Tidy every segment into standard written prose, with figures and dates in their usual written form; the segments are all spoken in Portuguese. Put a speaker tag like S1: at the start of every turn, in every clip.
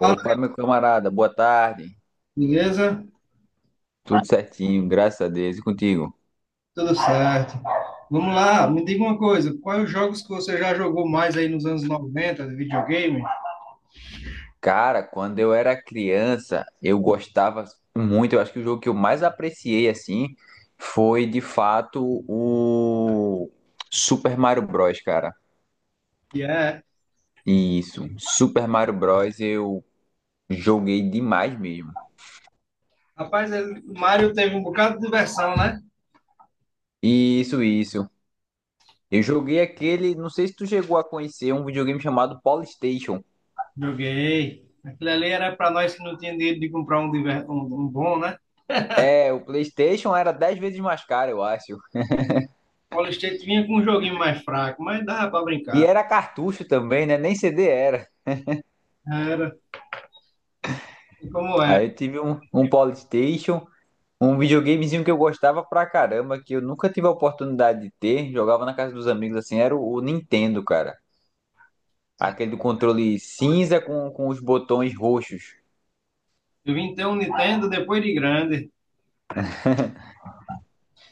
S1: Fala,
S2: meu camarada, boa tarde.
S1: beleza?
S2: Tudo certinho, graças a Deus. E contigo?
S1: Tudo certo. Vamos lá, me diga uma coisa, quais os jogos que você já jogou mais aí nos anos 90 de videogame?
S2: Cara, quando eu era criança, eu gostava muito. Eu acho que o jogo que eu mais apreciei, assim, foi de fato o Super Mario Bros, cara.
S1: Que é,
S2: Isso, Super Mario Bros eu joguei demais mesmo.
S1: rapaz, o Mario teve um bocado de diversão, né?
S2: Isso, isso. Eu joguei aquele, não sei se tu chegou a conhecer, um videogame chamado PlayStation.
S1: Joguei. Aquilo ali era para nós que não tinha dinheiro de comprar um bom, né?
S2: É, o PlayStation era 10 vezes mais caro, eu acho.
S1: Call State vinha com um joguinho mais fraco, mas dava para
S2: E
S1: brincar.
S2: era cartucho também, né? Nem CD era.
S1: Era. E como é?
S2: Aí eu tive um Polystation, um videogamezinho que eu gostava pra caramba, que eu nunca tive a oportunidade de ter. Jogava na casa dos amigos assim, era o Nintendo, cara. Aquele do controle cinza com os botões roxos.
S1: Eu vim ter um Nintendo depois de grande.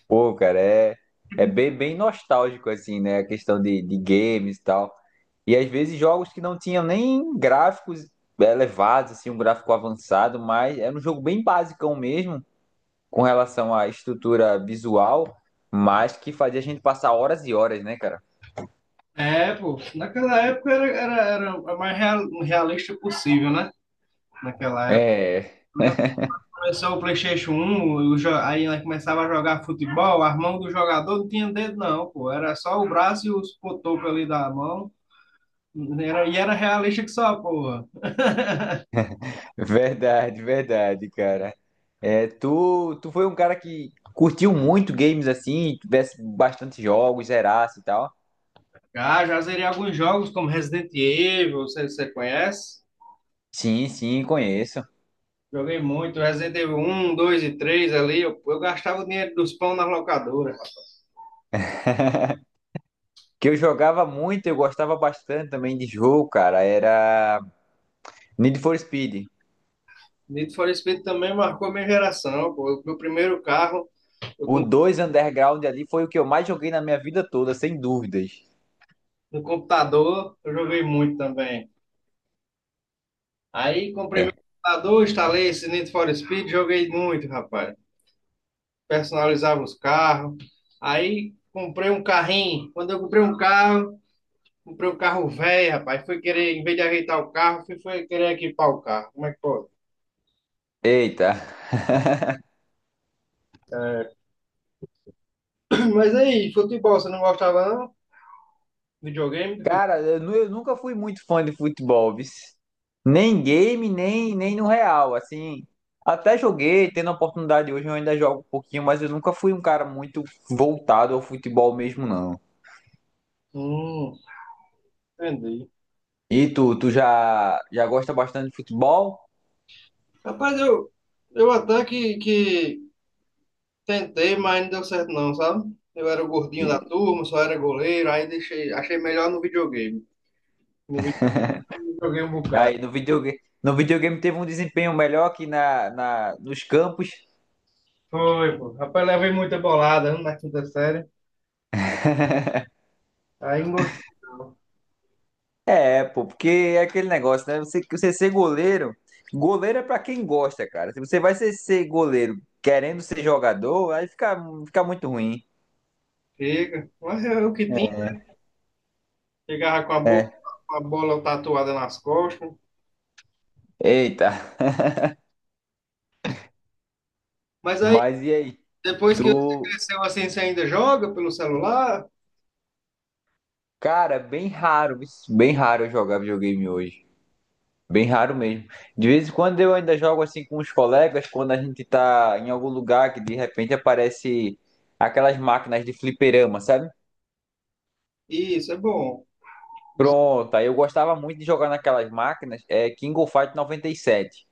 S2: Pô, cara, é bem, bem nostálgico, assim, né? A questão de games e tal. E às vezes jogos que não tinham nem gráficos elevados, assim, um gráfico avançado, mas era um jogo bem basicão mesmo com relação à estrutura visual, mas que fazia a gente passar horas e horas, né, cara?
S1: É, pô, naquela época era a mais realista possível, né? Naquela época.
S2: É,
S1: Começou o PlayStation 1, aí ela começava a jogar futebol, a mão do jogador não tinha dedo, não, pô. Era só o braço e os cotocos ali da mão. Era, e era realista que só, porra.
S2: verdade, verdade, cara. É, tu foi um cara que curtiu muito games assim, tivesse bastante jogos, zerasse e tal.
S1: Ah, já zerei alguns jogos como Resident Evil, você conhece?
S2: Sim, sim, conheço.
S1: Joguei muito, Resident Evil 1, 2 e 3 ali. Eu gastava o dinheiro dos pão na locadora.
S2: Que eu jogava muito, eu gostava bastante também de jogo, cara. Era Need for Speed.
S1: Need for Speed também marcou minha geração, pô. Meu primeiro carro, eu,
S2: O
S1: com-
S2: dois Underground ali foi o que eu mais joguei na minha vida toda, sem dúvidas.
S1: no computador, eu joguei muito também. Aí comprei
S2: É.
S1: meu computador, instalei esse Need for Speed, joguei muito, rapaz. Personalizava os carros. Aí comprei um carrinho. Quando eu comprei um carro velho, rapaz. Fui querer, em vez de ajeitar o carro, fui querer equipar o carro. Como é que pode?
S2: Eita.
S1: Mas aí, futebol, você não gostava não? Videogame?
S2: Cara, eu nunca fui muito fã de futebol, vixe. Nem game, nem no real, assim. Até joguei, tendo a oportunidade hoje, eu ainda jogo um pouquinho, mas eu nunca fui um cara muito voltado ao futebol mesmo, não.
S1: Hum, entendi.
S2: E tu já, gosta bastante de futebol?
S1: Rapaz, eu até que tentei, mas não deu certo não, sabe? Eu era o gordinho da
S2: Sim.
S1: turma, só era goleiro, aí deixei, achei melhor no videogame. No videogame joguei um bocado.
S2: Aí no videogame, no videogame teve um desempenho melhor aqui nos campos.
S1: Foi, pô. Rapaz, levei muita bolada né, na quinta série. Aí não gostei, não.
S2: É, pô, porque é aquele negócio, né? Você, você ser goleiro, goleiro é pra quem gosta, cara. Se você vai ser, goleiro querendo ser jogador, aí fica muito ruim.
S1: Chega. Mas é o que tinha. Chegava
S2: É.
S1: com a bola tatuada nas costas.
S2: Eita,
S1: Mas aí,
S2: mas e aí?
S1: depois que você
S2: Tu.
S1: cresceu assim, você ainda joga pelo celular?
S2: Cara, bem raro eu jogar videogame hoje. Bem raro mesmo. De vez em quando eu ainda jogo assim com os colegas, quando a gente tá em algum lugar que de repente aparece aquelas máquinas de fliperama, sabe?
S1: Isso, é bom.
S2: Pronto, aí eu gostava muito de jogar naquelas máquinas, é King of Fight 97.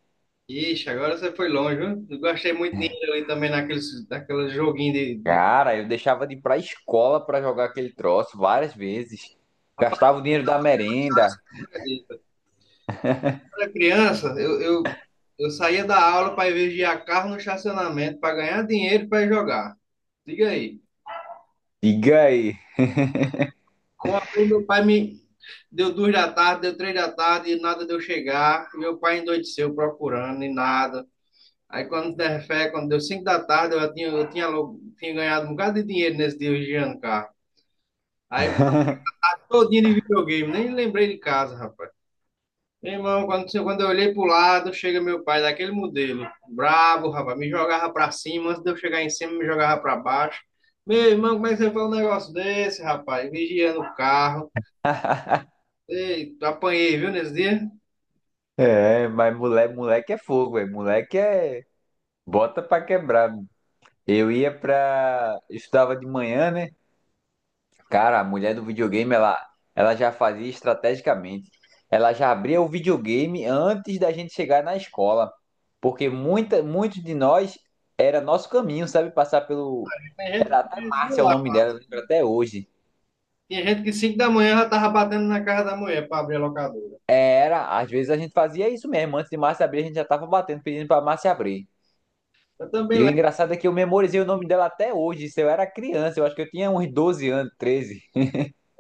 S1: Ixi, agora você foi longe, viu? Eu gostei muito de ir ali também naqueles joguinhos de...
S2: Cara, eu deixava de ir pra escola pra jogar aquele troço várias vezes.
S1: Rapaz,
S2: Gastava o dinheiro da merenda.
S1: acredita? Quando eu era criança, eu saía da aula para ir vigiar carro no estacionamento para ganhar dinheiro para ir jogar. Diga aí.
S2: Diga aí.
S1: Ontem meu pai me deu 2 da tarde, deu 3 da tarde e nada de eu chegar. Meu pai endoideceu procurando e nada. Aí quando der fé, quando deu 5 da tarde, eu tinha ganhado um bocado de dinheiro nesse dia vigiando carro. Aí todinho de videogame, nem lembrei de casa, rapaz. Meu irmão, quando eu olhei pro lado, chega meu pai daquele modelo, brabo, rapaz, me jogava pra cima, antes de eu chegar em cima, me jogava pra baixo. Meu irmão, como é que você faz um negócio desse, rapaz? Vigiando o carro. Ei, apanhei, viu, nesse dia?
S2: É, mas moleque, moleque é fogo, velho. Moleque é. Bota pra quebrar. Eu ia pra. Eu estudava de manhã, né? Cara, a mulher do videogame, ela já fazia estrategicamente. Ela já abria o videogame antes da gente chegar na escola. Porque muitos de nós era nosso caminho, sabe? Passar pelo.
S1: Tem gente
S2: Era
S1: que
S2: até
S1: dizia
S2: Márcia é o
S1: lá.
S2: nome dela, eu lembro até hoje.
S1: Tinha gente que 5 da manhã já tava batendo na casa da mulher para abrir a locadora.
S2: Era, às vezes a gente fazia isso mesmo. Antes de Márcia abrir, a gente já tava batendo, pedindo pra Márcia abrir.
S1: Eu também
S2: E o
S1: lembro,
S2: engraçado é que eu memorizei o nome dela até hoje. Isso eu era criança, eu acho que eu tinha uns 12 anos, 13.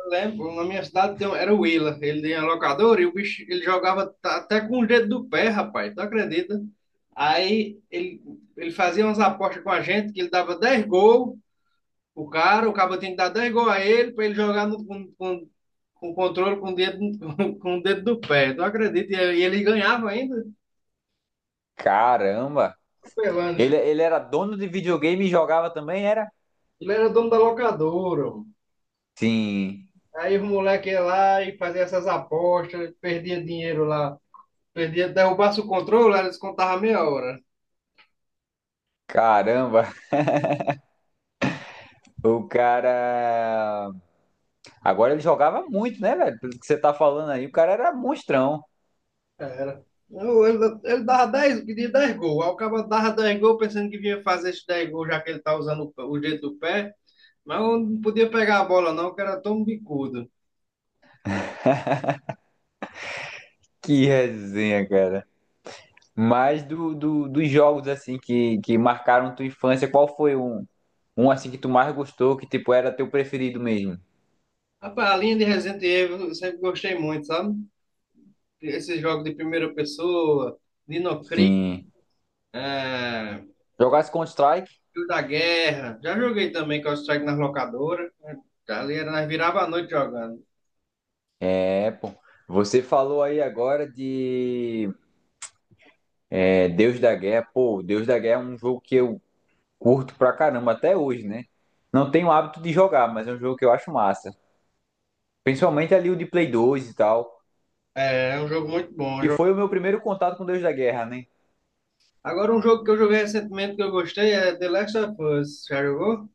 S1: lembro, na minha cidade era o Willa. Ele tinha locadora e o bicho, ele jogava até com o dedo do pé, rapaz. Tu acredita? Aí ele fazia umas apostas com a gente que ele dava 10 gols. O cara, o cabo tinha que dar 10 gols a ele para ele jogar com controle com o dedo, com, o dedo do pé. Tu acredita? E ele ganhava ainda.
S2: Caramba!
S1: Pelando,
S2: Ele era dono de videogame e jogava também, era?
S1: Ele era dono da locadora, mano.
S2: Sim.
S1: Aí os moleques iam lá e faziam essas apostas, perdia dinheiro lá. Perdia, derrubasse o controle, aí eles contavam meia hora.
S2: Caramba, o cara. Agora ele jogava muito, né, velho? Pelo que você tá falando aí, o cara era monstrão.
S1: Era. Não, ele dava 10, pedia 10 gols. Aí o cara dava 10 gols pensando que vinha fazer esses 10 gols, já que ele tá usando o jeito do pé. Mas eu não podia pegar a bola, não, que era tão bicudo.
S2: Que resenha, cara. Mas dos jogos, assim, que marcaram tua infância, qual foi um, assim, que tu mais gostou, que, tipo, era teu preferido mesmo?
S1: Rapaz, a linha de Resident Evil eu sempre gostei muito, sabe? Esses jogos de primeira pessoa, Dino Crisis,
S2: Sim.
S1: é,
S2: Jogasse Counter-Strike?
S1: Filho da Guerra. Já joguei também Counter-Strike nas locadoras, né? Ali era, nós virava a noite jogando.
S2: É, pô. Você falou aí agora de é, Deus da Guerra. Pô, Deus da Guerra é um jogo que eu curto pra caramba até hoje, né? Não tenho hábito de jogar, mas é um jogo que eu acho massa. Principalmente ali o de Play 2 e tal.
S1: É, é um jogo muito bom.
S2: E foi o meu primeiro contato com Deus da Guerra, né?
S1: Agora, um jogo que eu joguei recentemente que eu gostei é The Last of Us. Já jogou?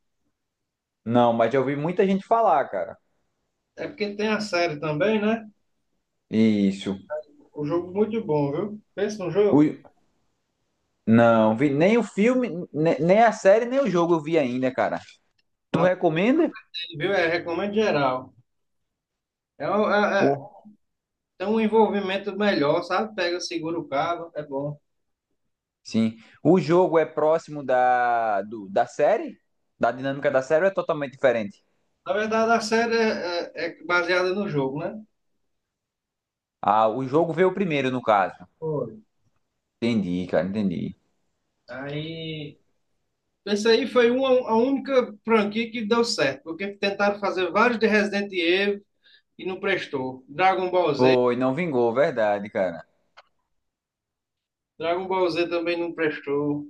S2: Não, mas já ouvi muita gente falar, cara.
S1: É porque tem a série também, né?
S2: Isso.
S1: Um jogo muito bom, viu? Pensa num jogo.
S2: O- Não, vi nem o filme, nem a série, nem o jogo eu vi ainda, cara. Tu
S1: Mas,
S2: recomenda?
S1: viu? É, recomendo geral. É,
S2: Oh,
S1: tem um envolvimento melhor, sabe? Pega, segura o cabo, é bom.
S2: Sim. O jogo é próximo da, do- da série? Da dinâmica da série ou é totalmente diferente?
S1: Na verdade, a série é baseada no jogo, né?
S2: Ah, o jogo veio primeiro, no caso.
S1: Foi.
S2: Entendi, cara, entendi.
S1: Aí. Essa aí foi a única franquia que deu certo, porque tentaram fazer vários de Resident Evil e não prestou. Dragon Ball Z,
S2: Foi, não vingou, verdade, cara.
S1: Também não prestou.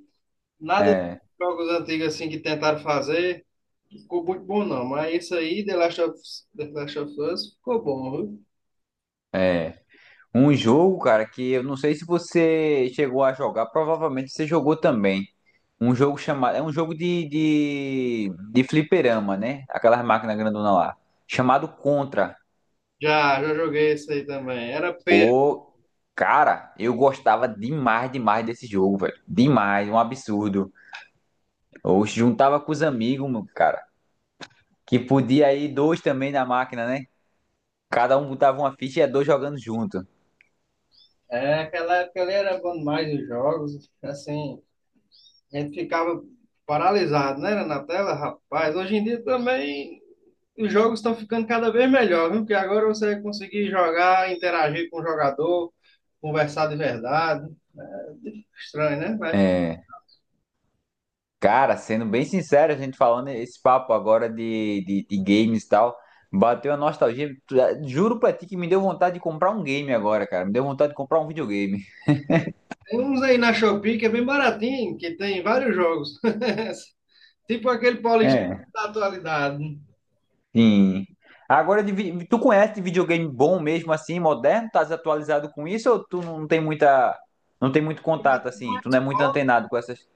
S1: Nada de
S2: É,
S1: jogos antigos assim que tentaram fazer ficou muito bom não, mas isso aí, The Last of Us, ficou bom, viu?
S2: é. Um jogo, cara, que eu não sei se você chegou a jogar, provavelmente você jogou também. Um jogo chamado. É um jogo de fliperama, né? Aquelas máquinas grandona lá. Chamado Contra.
S1: Já joguei isso aí também. Era feio.
S2: Ô, cara, eu gostava demais, demais desse jogo, velho. Demais, um absurdo. Eu juntava com os amigos, meu, cara. Que podia ir dois também na máquina, né? Cada um botava uma ficha e ia dois jogando junto.
S1: É, aquela época ali era bom demais os jogos, assim, a gente ficava paralisado, né, na tela, rapaz. Hoje em dia também os jogos estão ficando cada vez melhor, viu? Porque agora você vai conseguir jogar, interagir com o jogador, conversar de verdade. É, estranho, né? Mas
S2: É. Cara, sendo bem sincero, a gente falando esse papo agora de games e tal, bateu a nostalgia. Juro pra ti que me deu vontade de comprar um game agora, cara. Me deu vontade de comprar um videogame.
S1: tem uns aí na Shopee que é bem baratinho, que tem vários jogos. Tipo aquele Paulistão
S2: É.
S1: da atualidade.
S2: Sim. Agora, tu conhece de videogame bom mesmo assim, moderno? Tá desatualizado com isso ou tu não tem não tem muito
S1: Eu
S2: contato
S1: tive o
S2: assim? Tu não é muito
S1: Xbox
S2: antenado com essas?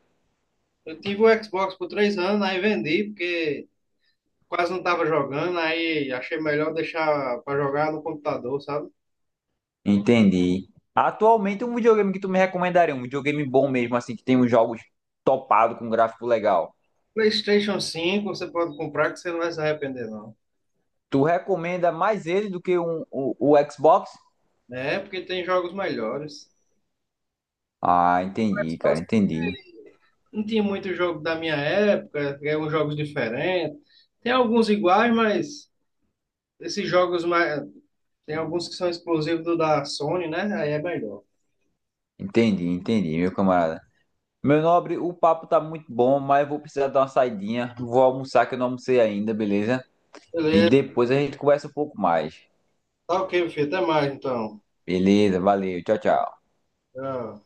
S1: eu tive um Xbox por 3 anos, aí vendi, porque quase não estava jogando, aí achei melhor deixar para jogar no computador, sabe?
S2: Entendi. Atualmente, um videogame que tu me recomendaria, um videogame bom mesmo assim, que tem uns jogos topado com gráfico legal.
S1: PlayStation 5 você pode comprar que você não vai se arrepender, não.
S2: Tu recomenda mais ele do que um, o Xbox?
S1: Né? Porque tem jogos melhores.
S2: Ah, entendi, cara,
S1: Xbox
S2: entendi.
S1: não tinha muito jogo da minha época, eram jogos diferentes. Tem alguns iguais, mas esses jogos mais... Tem alguns que são exclusivos do da Sony, né? Aí é melhor.
S2: Entendi, entendi, meu camarada. Meu nobre, o papo tá muito bom, mas eu vou precisar dar uma saidinha. Vou almoçar que eu não almocei ainda, beleza? E
S1: Beleza,
S2: depois a gente conversa um pouco mais.
S1: tá ok, meu filho. Até mais então.
S2: Beleza, valeu, tchau, tchau.
S1: Tchau.